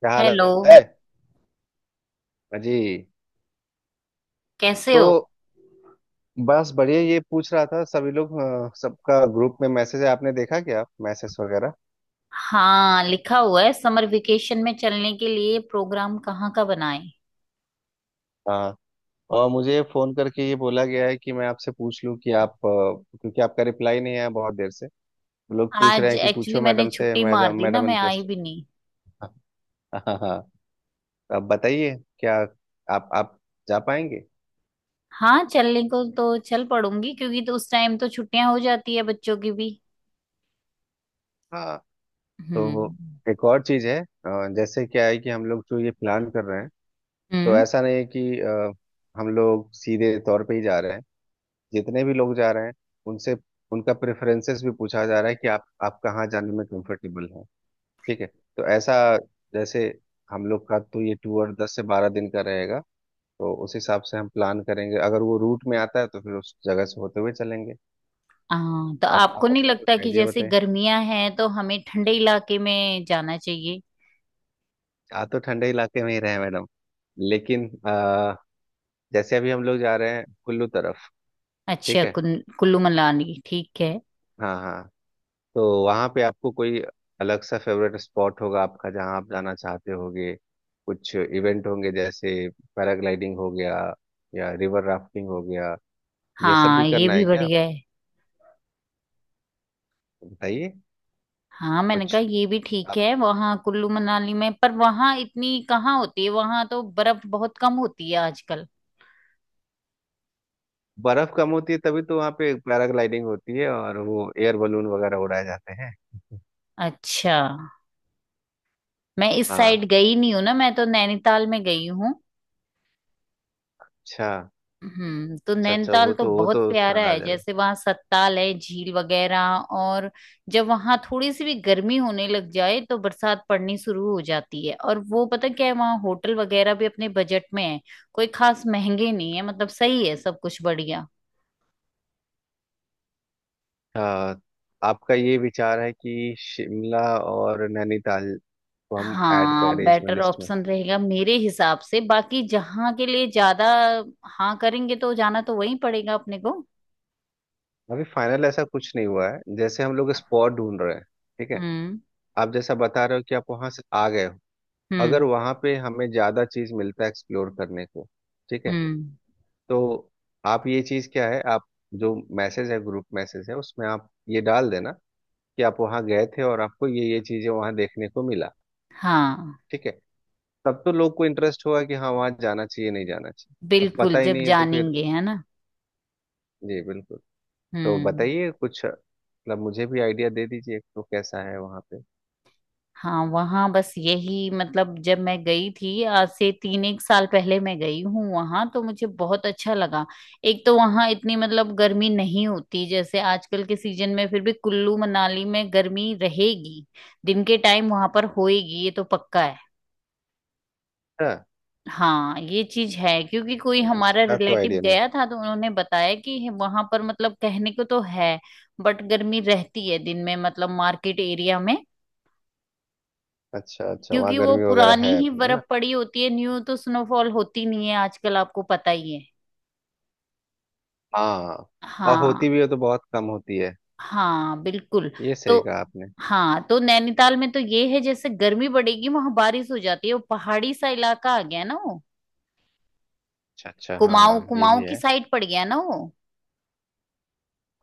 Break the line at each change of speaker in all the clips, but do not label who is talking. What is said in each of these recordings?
क्या हाल
हेलो।
है अजी।
कैसे
तो
हो?
बस बढ़िया ये पूछ रहा था सभी लोग सबका ग्रुप में मैसेज है। आपने देखा क्या मैसेज वगैरह?
हाँ, लिखा हुआ है, समर वेकेशन में चलने के लिए प्रोग्राम कहाँ का बनाएं।
हाँ। और मुझे फोन करके ये बोला गया है कि मैं आपसे पूछ लूं कि आप क्योंकि आपका रिप्लाई नहीं आया बहुत देर से। लोग पूछ रहे
आज
हैं कि
एक्चुअली
पूछो
मैंने
मैडम से,
छुट्टी मार
मैडम
दी ना,
मैडम
मैं आई
इंटरेस्टेड
भी
है।
नहीं।
हाँ, हाँ, हाँ। तो आप बताइए क्या आप जा पाएंगे?
हाँ, चलने को तो चल पड़ूंगी, क्योंकि तो उस टाइम तो छुट्टियां हो जाती है बच्चों की भी।
हाँ। तो
हम्म।
एक और चीज है, जैसे क्या है कि हम लोग जो ये प्लान कर रहे हैं, तो
हम्म।
ऐसा नहीं है कि हम लोग सीधे तौर पे ही जा रहे हैं। जितने भी लोग जा रहे हैं उनसे उनका प्रेफरेंसेस भी पूछा जा रहा है कि आप कहाँ जाने में कंफर्टेबल हैं। ठीक है। तो ऐसा जैसे हम लोग का तो ये टूर 10 से 12 दिन का रहेगा। तो उस हिसाब से हम प्लान करेंगे, अगर वो रूट में आता है तो फिर उस जगह से होते हुए चलेंगे।
हाँ, तो
आप
आपको
आप
नहीं
अपना
लगता
कुछ
कि
आइडिया
जैसे
बताएं।
गर्मियां हैं तो हमें ठंडे इलाके में जाना चाहिए?
आ तो ठंडे इलाके में ही रहे हैं मैडम, लेकिन जैसे अभी हम लोग जा रहे हैं कुल्लू तरफ।
अच्छा,
ठीक है,
कुल्लू मनाली ठीक है।
हाँ हाँ। तो वहां पे आपको कोई अलग सा फेवरेट स्पॉट होगा आपका जहां आप जाना चाहते होगे? कुछ इवेंट होंगे जैसे पैराग्लाइडिंग हो गया या रिवर राफ्टिंग हो गया, ये सब
हाँ,
भी
ये
करना
भी
है क्या?
बढ़िया है।
बताइए।
हाँ, मैंने कहा
कुछ
ये भी ठीक
आप
है वहाँ कुल्लू मनाली में, पर वहाँ इतनी कहाँ होती है, वहाँ तो बर्फ बहुत कम होती है आजकल।
बर्फ कम होती है तभी तो वहां पे पैराग्लाइडिंग होती है और वो एयर बलून वगैरह उड़ाए जाते हैं।
अच्छा। मैं इस
हाँ,
साइड गई नहीं हूँ ना, मैं तो नैनीताल में गई हूँ।
अच्छा,
तो
अच्छा। अच्छा,
नैनीताल
वो
तो
तो वो तो
बहुत प्यारा
शानदार
है,
जगह।
जैसे वहाँ सत्ताल है, झील वगैरह। और जब वहाँ थोड़ी सी भी गर्मी होने लग जाए तो बरसात पड़नी शुरू हो जाती है। और वो पता क्या है, वहाँ होटल वगैरह भी अपने बजट में है। कोई खास महंगे नहीं है, मतलब सही है सब कुछ, बढ़िया।
अच्छा, आपका ये विचार है कि शिमला और नैनीताल को हम ऐड
हाँ,
करें इसमें
बेटर
लिस्ट में?
ऑप्शन रहेगा मेरे हिसाब से, बाकी जहाँ के लिए ज्यादा। हाँ, करेंगे तो जाना तो वहीं पड़ेगा अपने को।
अभी फाइनल ऐसा कुछ नहीं हुआ है, जैसे हम लोग स्पॉट ढूंढ रहे हैं। ठीक है।
हम्म।
आप जैसा बता रहे हो कि आप वहां से आ गए हो, अगर
हम्म।
वहां पे हमें ज्यादा चीज मिलता है एक्सप्लोर करने को। ठीक है।
हम्म।
तो आप ये चीज क्या है, आप जो मैसेज है, ग्रुप मैसेज है उसमें आप ये डाल देना कि आप वहां गए थे और आपको ये चीजें वहां देखने को मिला।
हाँ
ठीक है। तब तो लोग को इंटरेस्ट होगा कि हाँ वहां जाना चाहिए, नहीं जाना चाहिए। अब
बिल्कुल,
पता ही
जब
नहीं है तो फिर।
जानेंगे, है ना?
जी बिल्कुल। तो
हम्म।
बताइए कुछ, मतलब मुझे भी आइडिया दे दीजिए तो कैसा है वहां
हाँ, वहाँ बस यही, मतलब जब मैं गई थी, आज से तीन एक साल पहले मैं गई हूँ वहाँ, तो मुझे बहुत अच्छा लगा। एक तो वहाँ इतनी, मतलब गर्मी नहीं होती, जैसे आजकल के सीजन में फिर भी कुल्लू मनाली में गर्मी रहेगी। दिन के टाइम वहाँ पर होएगी, ये तो पक्का है।
पे।
हाँ ये चीज है, क्योंकि कोई
नहीं,
हमारा
इसका तो
रिलेटिव
आइडिया नहीं।
गया था तो उन्होंने बताया कि वहां पर, मतलब कहने को तो है, बट गर्मी रहती है दिन में, मतलब मार्केट एरिया में।
अच्छा अच्छा, वहाँ
क्योंकि वो
गर्मी वगैरह
पुरानी
है
ही
अभी, है ना?
बर्फ पड़ी होती है, न्यू तो स्नोफॉल होती नहीं है आजकल, आपको पता ही है।
हाँ, और होती
हाँ।
भी है तो बहुत कम होती है।
हाँ बिल्कुल।
ये
तो,
सही कहा आपने।
हाँ, तो नैनीताल में तो ये है, जैसे गर्मी बढ़ेगी वहां बारिश हो जाती है, वो पहाड़ी सा इलाका आ गया ना वो।
अच्छा अच्छा,
कुमाऊं,
हाँ ये
कुमाऊं
भी
की
है।
साइड पड़ गया ना वो।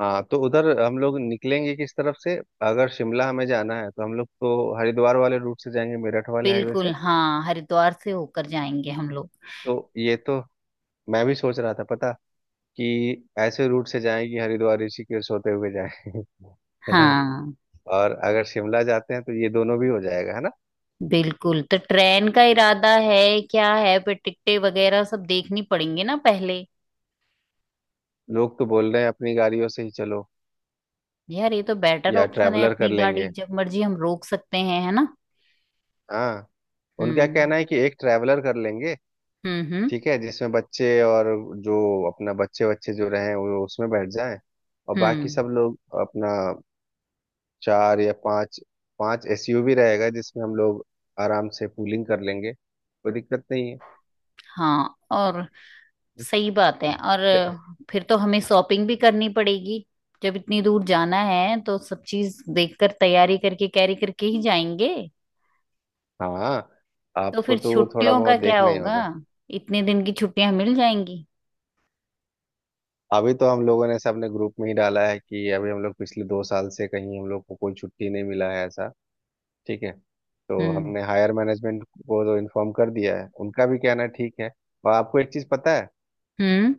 हाँ तो उधर हम लोग निकलेंगे किस तरफ से? अगर शिमला हमें जाना है तो हम लोग तो हरिद्वार वाले रूट से जाएंगे, मेरठ वाले हाईवे से।
बिल्कुल, हाँ, हरिद्वार से होकर जाएंगे हम लोग।
तो ये तो मैं भी सोच रहा था पता, कि ऐसे रूट से जाएं कि हरिद्वार ऋषिकेश होते हुए जाएं है ना।
हाँ
और अगर शिमला जाते हैं तो ये दोनों भी हो जाएगा, है ना।
बिल्कुल, तो ट्रेन का इरादा है क्या? है, फिर टिकटें वगैरह सब देखनी पड़ेंगे ना पहले।
लोग तो बोल रहे हैं अपनी गाड़ियों से ही चलो
यार, ये तो बेटर
या
ऑप्शन है,
ट्रैवलर कर
अपनी गाड़ी
लेंगे।
जब मर्जी हम रोक सकते हैं, है ना?
हाँ। उनका
हम्म।
कहना है कि एक ट्रैवलर कर लेंगे,
हम्म। हम्म।
ठीक है, जिसमें बच्चे और जो अपना बच्चे बच्चे जो रहे वो उसमें बैठ जाएं। और बाकी
हम्म।
सब लोग अपना चार या पांच, पांच एसयूवी रहेगा जिसमें हम लोग आराम से पूलिंग कर लेंगे, कोई दिक्कत नहीं
हाँ और, सही बात है, और
है।
फिर तो हमें शॉपिंग भी करनी पड़ेगी। जब इतनी दूर जाना है तो सब चीज देखकर, तैयारी करके, कैरी करके ही जाएंगे।
हाँ।
तो
आपको
फिर
तो वो थोड़ा
छुट्टियों
बहुत
का क्या
देखना ही
होगा,
होगा।
इतने दिन की छुट्टियां मिल जाएंगी?
अभी तो हम लोगों ने सबने ग्रुप में ही डाला है कि अभी हम लोग पिछले 2 साल से कहीं हम लोग को कोई छुट्टी नहीं मिला है ऐसा। ठीक है। तो
हम्म।
हमने हायर मैनेजमेंट को तो इन्फॉर्म कर दिया है, उनका भी कहना ठीक है। और आपको एक चीज पता है?
हम्म।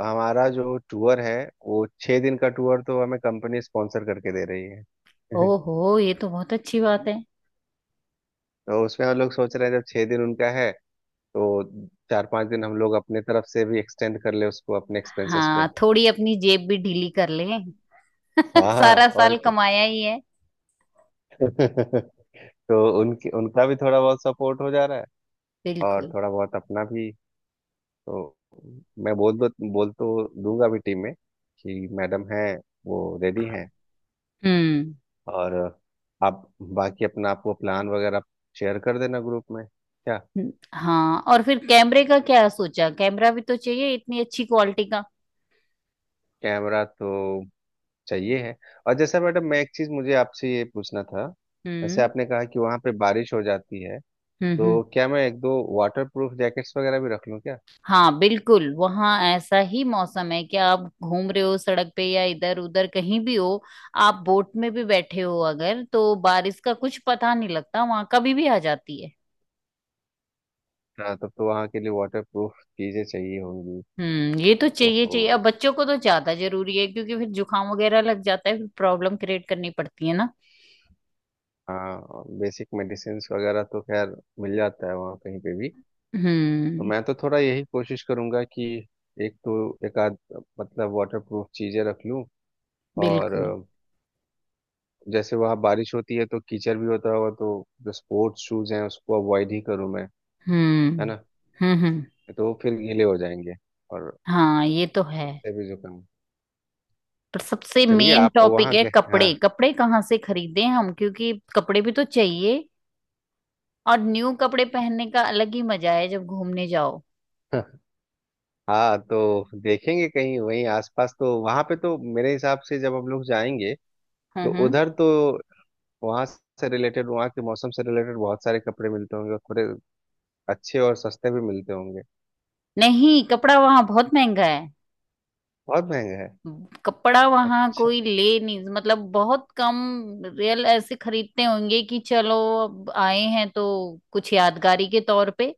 हमारा जो टूर है वो 6 दिन का टूर तो हमें कंपनी स्पॉन्सर करके दे रही है
ओहो, ये तो बहुत अच्छी बात है।
तो उसमें हम लोग सोच रहे हैं जब 6 दिन उनका है तो 4 5 दिन हम लोग अपने तरफ से भी एक्सटेंड कर ले उसको अपने एक्सपेंसेस पे।
हाँ, थोड़ी अपनी जेब भी ढीली कर लें।
हाँ हाँ,
सारा
हाँ, और
साल
क्या।
कमाया ही है।
तो उनकी उनका भी थोड़ा बहुत सपोर्ट हो जा रहा है, और
बिल्कुल।
थोड़ा बहुत अपना भी। तो मैं बोल तो दूंगा भी टीम में कि मैडम हैं, वो रेडी हैं।
हम्म।
और आप बाकी अपना आपको प्लान वगैरह शेयर कर देना ग्रुप में क्या।
हाँ, और फिर कैमरे का क्या सोचा? कैमरा भी तो चाहिए इतनी अच्छी क्वालिटी का।
कैमरा तो चाहिए है। और जैसा मैडम, मैं एक चीज़ मुझे आपसे ये पूछना था। जैसे
हम्म।
आपने कहा कि वहाँ पे बारिश हो जाती है,
हम्म।
तो
हम्म।
क्या मैं एक दो वाटर प्रूफ जैकेट्स वगैरह भी रख लूँ क्या?
हाँ बिल्कुल, वहाँ ऐसा ही मौसम है कि आप घूम रहे हो सड़क पे या इधर उधर कहीं भी हो, आप बोट में भी बैठे हो अगर, तो बारिश का कुछ पता नहीं लगता, वहाँ कभी भी आ जाती है।
हाँ, तब तो वहाँ के लिए वाटर प्रूफ चीज़ें चाहिए होंगी।
ये तो चाहिए
ओहो।
चाहिए, अब बच्चों को तो ज्यादा जरूरी है, क्योंकि फिर जुकाम वगैरह लग जाता है, फिर प्रॉब्लम क्रिएट करनी पड़ती है ना।
हाँ, बेसिक मेडिसिन्स वगैरह तो खैर मिल जाता है वहाँ कहीं पे भी। तो
हम्म।
मैं तो थोड़ा यही कोशिश करूंगा कि एक तो एक आध मतलब वाटर प्रूफ चीजें रख लूं। और
बिल्कुल।
जैसे वहाँ बारिश होती है तो कीचड़ भी होता होगा, तो जो स्पोर्ट्स शूज हैं उसको अवॉइड ही करूँ मैं, है
हम्म।
ना।
हम्म। हम्म।
तो वो फिर गीले हो जाएंगे और
हाँ ये तो है।
उससे भी जुकाम।
पर सबसे
चलिए
मेन
आप
टॉपिक
वहाँ
है
गए,
कपड़े,
हाँ
कपड़े कहाँ से खरीदें हम, क्योंकि कपड़े भी तो चाहिए। और न्यू कपड़े पहनने का अलग ही मजा है जब घूमने जाओ।
हाँ तो देखेंगे कहीं वहीं आसपास, तो वहां पे तो मेरे हिसाब से जब हम लोग जाएंगे
हम्म।
तो
हम्म।
उधर तो वहां से रिलेटेड, वहां के मौसम से रिलेटेड बहुत सारे कपड़े मिलते होंगे, थोड़े अच्छे और सस्ते भी मिलते होंगे।
नहीं, कपड़ा वहाँ बहुत महंगा है।
बहुत महंगे हैं?
कपड़ा वहाँ
अच्छा।
कोई ले नहीं, मतलब बहुत कम। रियल ऐसे खरीदते होंगे कि चलो, अब आए हैं तो कुछ यादगारी के तौर पे।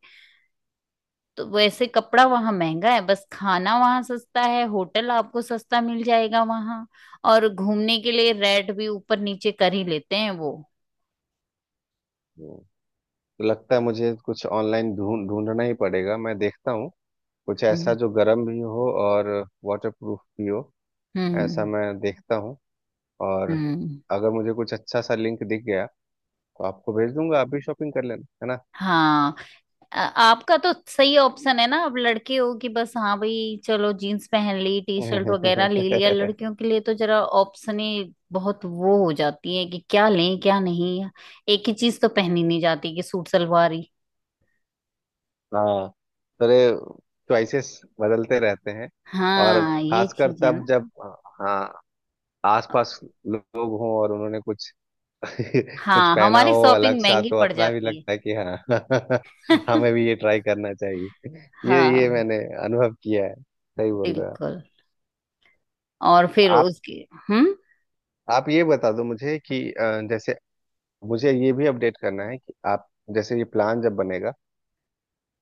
तो वैसे कपड़ा वहां महंगा है, बस खाना वहां सस्ता है, होटल आपको सस्ता मिल जाएगा वहां। और घूमने के लिए रेट भी ऊपर नीचे कर ही लेते हैं वो।
हम्म, तो लगता है मुझे कुछ ऑनलाइन ढूंढ ढूंढना ही पड़ेगा, मैं देखता हूँ कुछ ऐसा
हम्म।
जो गर्म भी हो और वाटर प्रूफ भी हो, ऐसा
हम्म।
मैं देखता हूँ। और
हम्म।
अगर मुझे कुछ अच्छा सा लिंक दिख गया तो आपको भेज दूंगा, आप भी शॉपिंग कर लेना, है ना।
हाँ, आपका तो सही ऑप्शन है ना, आप लड़के हो कि बस हाँ भाई चलो, जीन्स पहन ली, टी शर्ट वगैरह ले लिया। लड़कियों के लिए तो जरा ऑप्शन ही बहुत वो हो जाती है कि क्या लें क्या नहीं। एक ही चीज तो पहनी नहीं जाती कि सूट सलवार ही।
हाँ, थोड़े चॉइसेस बदलते रहते हैं, और
हाँ ये
खासकर
चीज है।
तब जब, हाँ, आसपास लोग हों और उन्होंने कुछ कुछ
हाँ,
पहना
हमारी
हो अलग
शॉपिंग
सा,
महंगी
तो
पड़
अपना भी
जाती
लगता है कि हाँ।
है।
हमें भी ये ट्राई करना चाहिए। ये
हाँ
मैंने अनुभव किया है, सही बोल रहे हो।
बिल्कुल। और फिर
आप
उसके। हम्म।
आप ये बता दो मुझे कि जैसे मुझे ये भी अपडेट करना है कि आप, जैसे ये प्लान जब बनेगा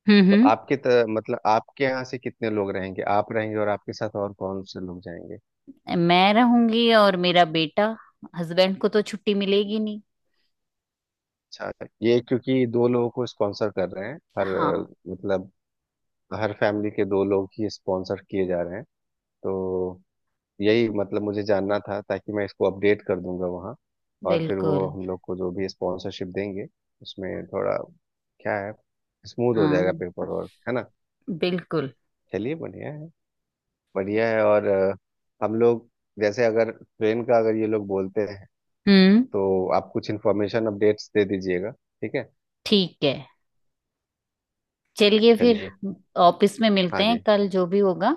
हम्म।
तो
हम्म।
मतलब आपके यहाँ से कितने लोग रहेंगे, आप रहेंगे और आपके साथ और कौन से लोग जाएंगे?
मैं रहूंगी और मेरा बेटा। हस्बैंड को तो छुट्टी मिलेगी नहीं।
अच्छा। ये क्योंकि दो लोगों को स्पॉन्सर कर रहे हैं हर
हाँ
मतलब हर फैमिली के दो लोग ही स्पॉन्सर किए जा रहे हैं। तो यही मतलब मुझे जानना था, ताकि मैं इसको अपडेट कर दूंगा वहाँ। और फिर
बिल्कुल।
वो हम लोग को जो भी स्पॉन्सरशिप देंगे उसमें थोड़ा क्या है स्मूथ हो जाएगा,
हाँ
पेपर वर्क है ना।
बिल्कुल।
चलिए बढ़िया है, बढ़िया है। और हम लोग जैसे, अगर ट्रेन का अगर ये लोग बोलते हैं
हम्म।
तो आप कुछ इन्फॉर्मेशन अपडेट्स दे दीजिएगा। ठीक है,
ठीक है, चलिए फिर
चलिए।
ऑफिस में
हाँ
मिलते हैं
जी,
कल, जो भी होगा।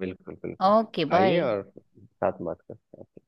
बिल्कुल बिल्कुल।
ओके,
आइए
बाय।
और साथ बात करते हैं।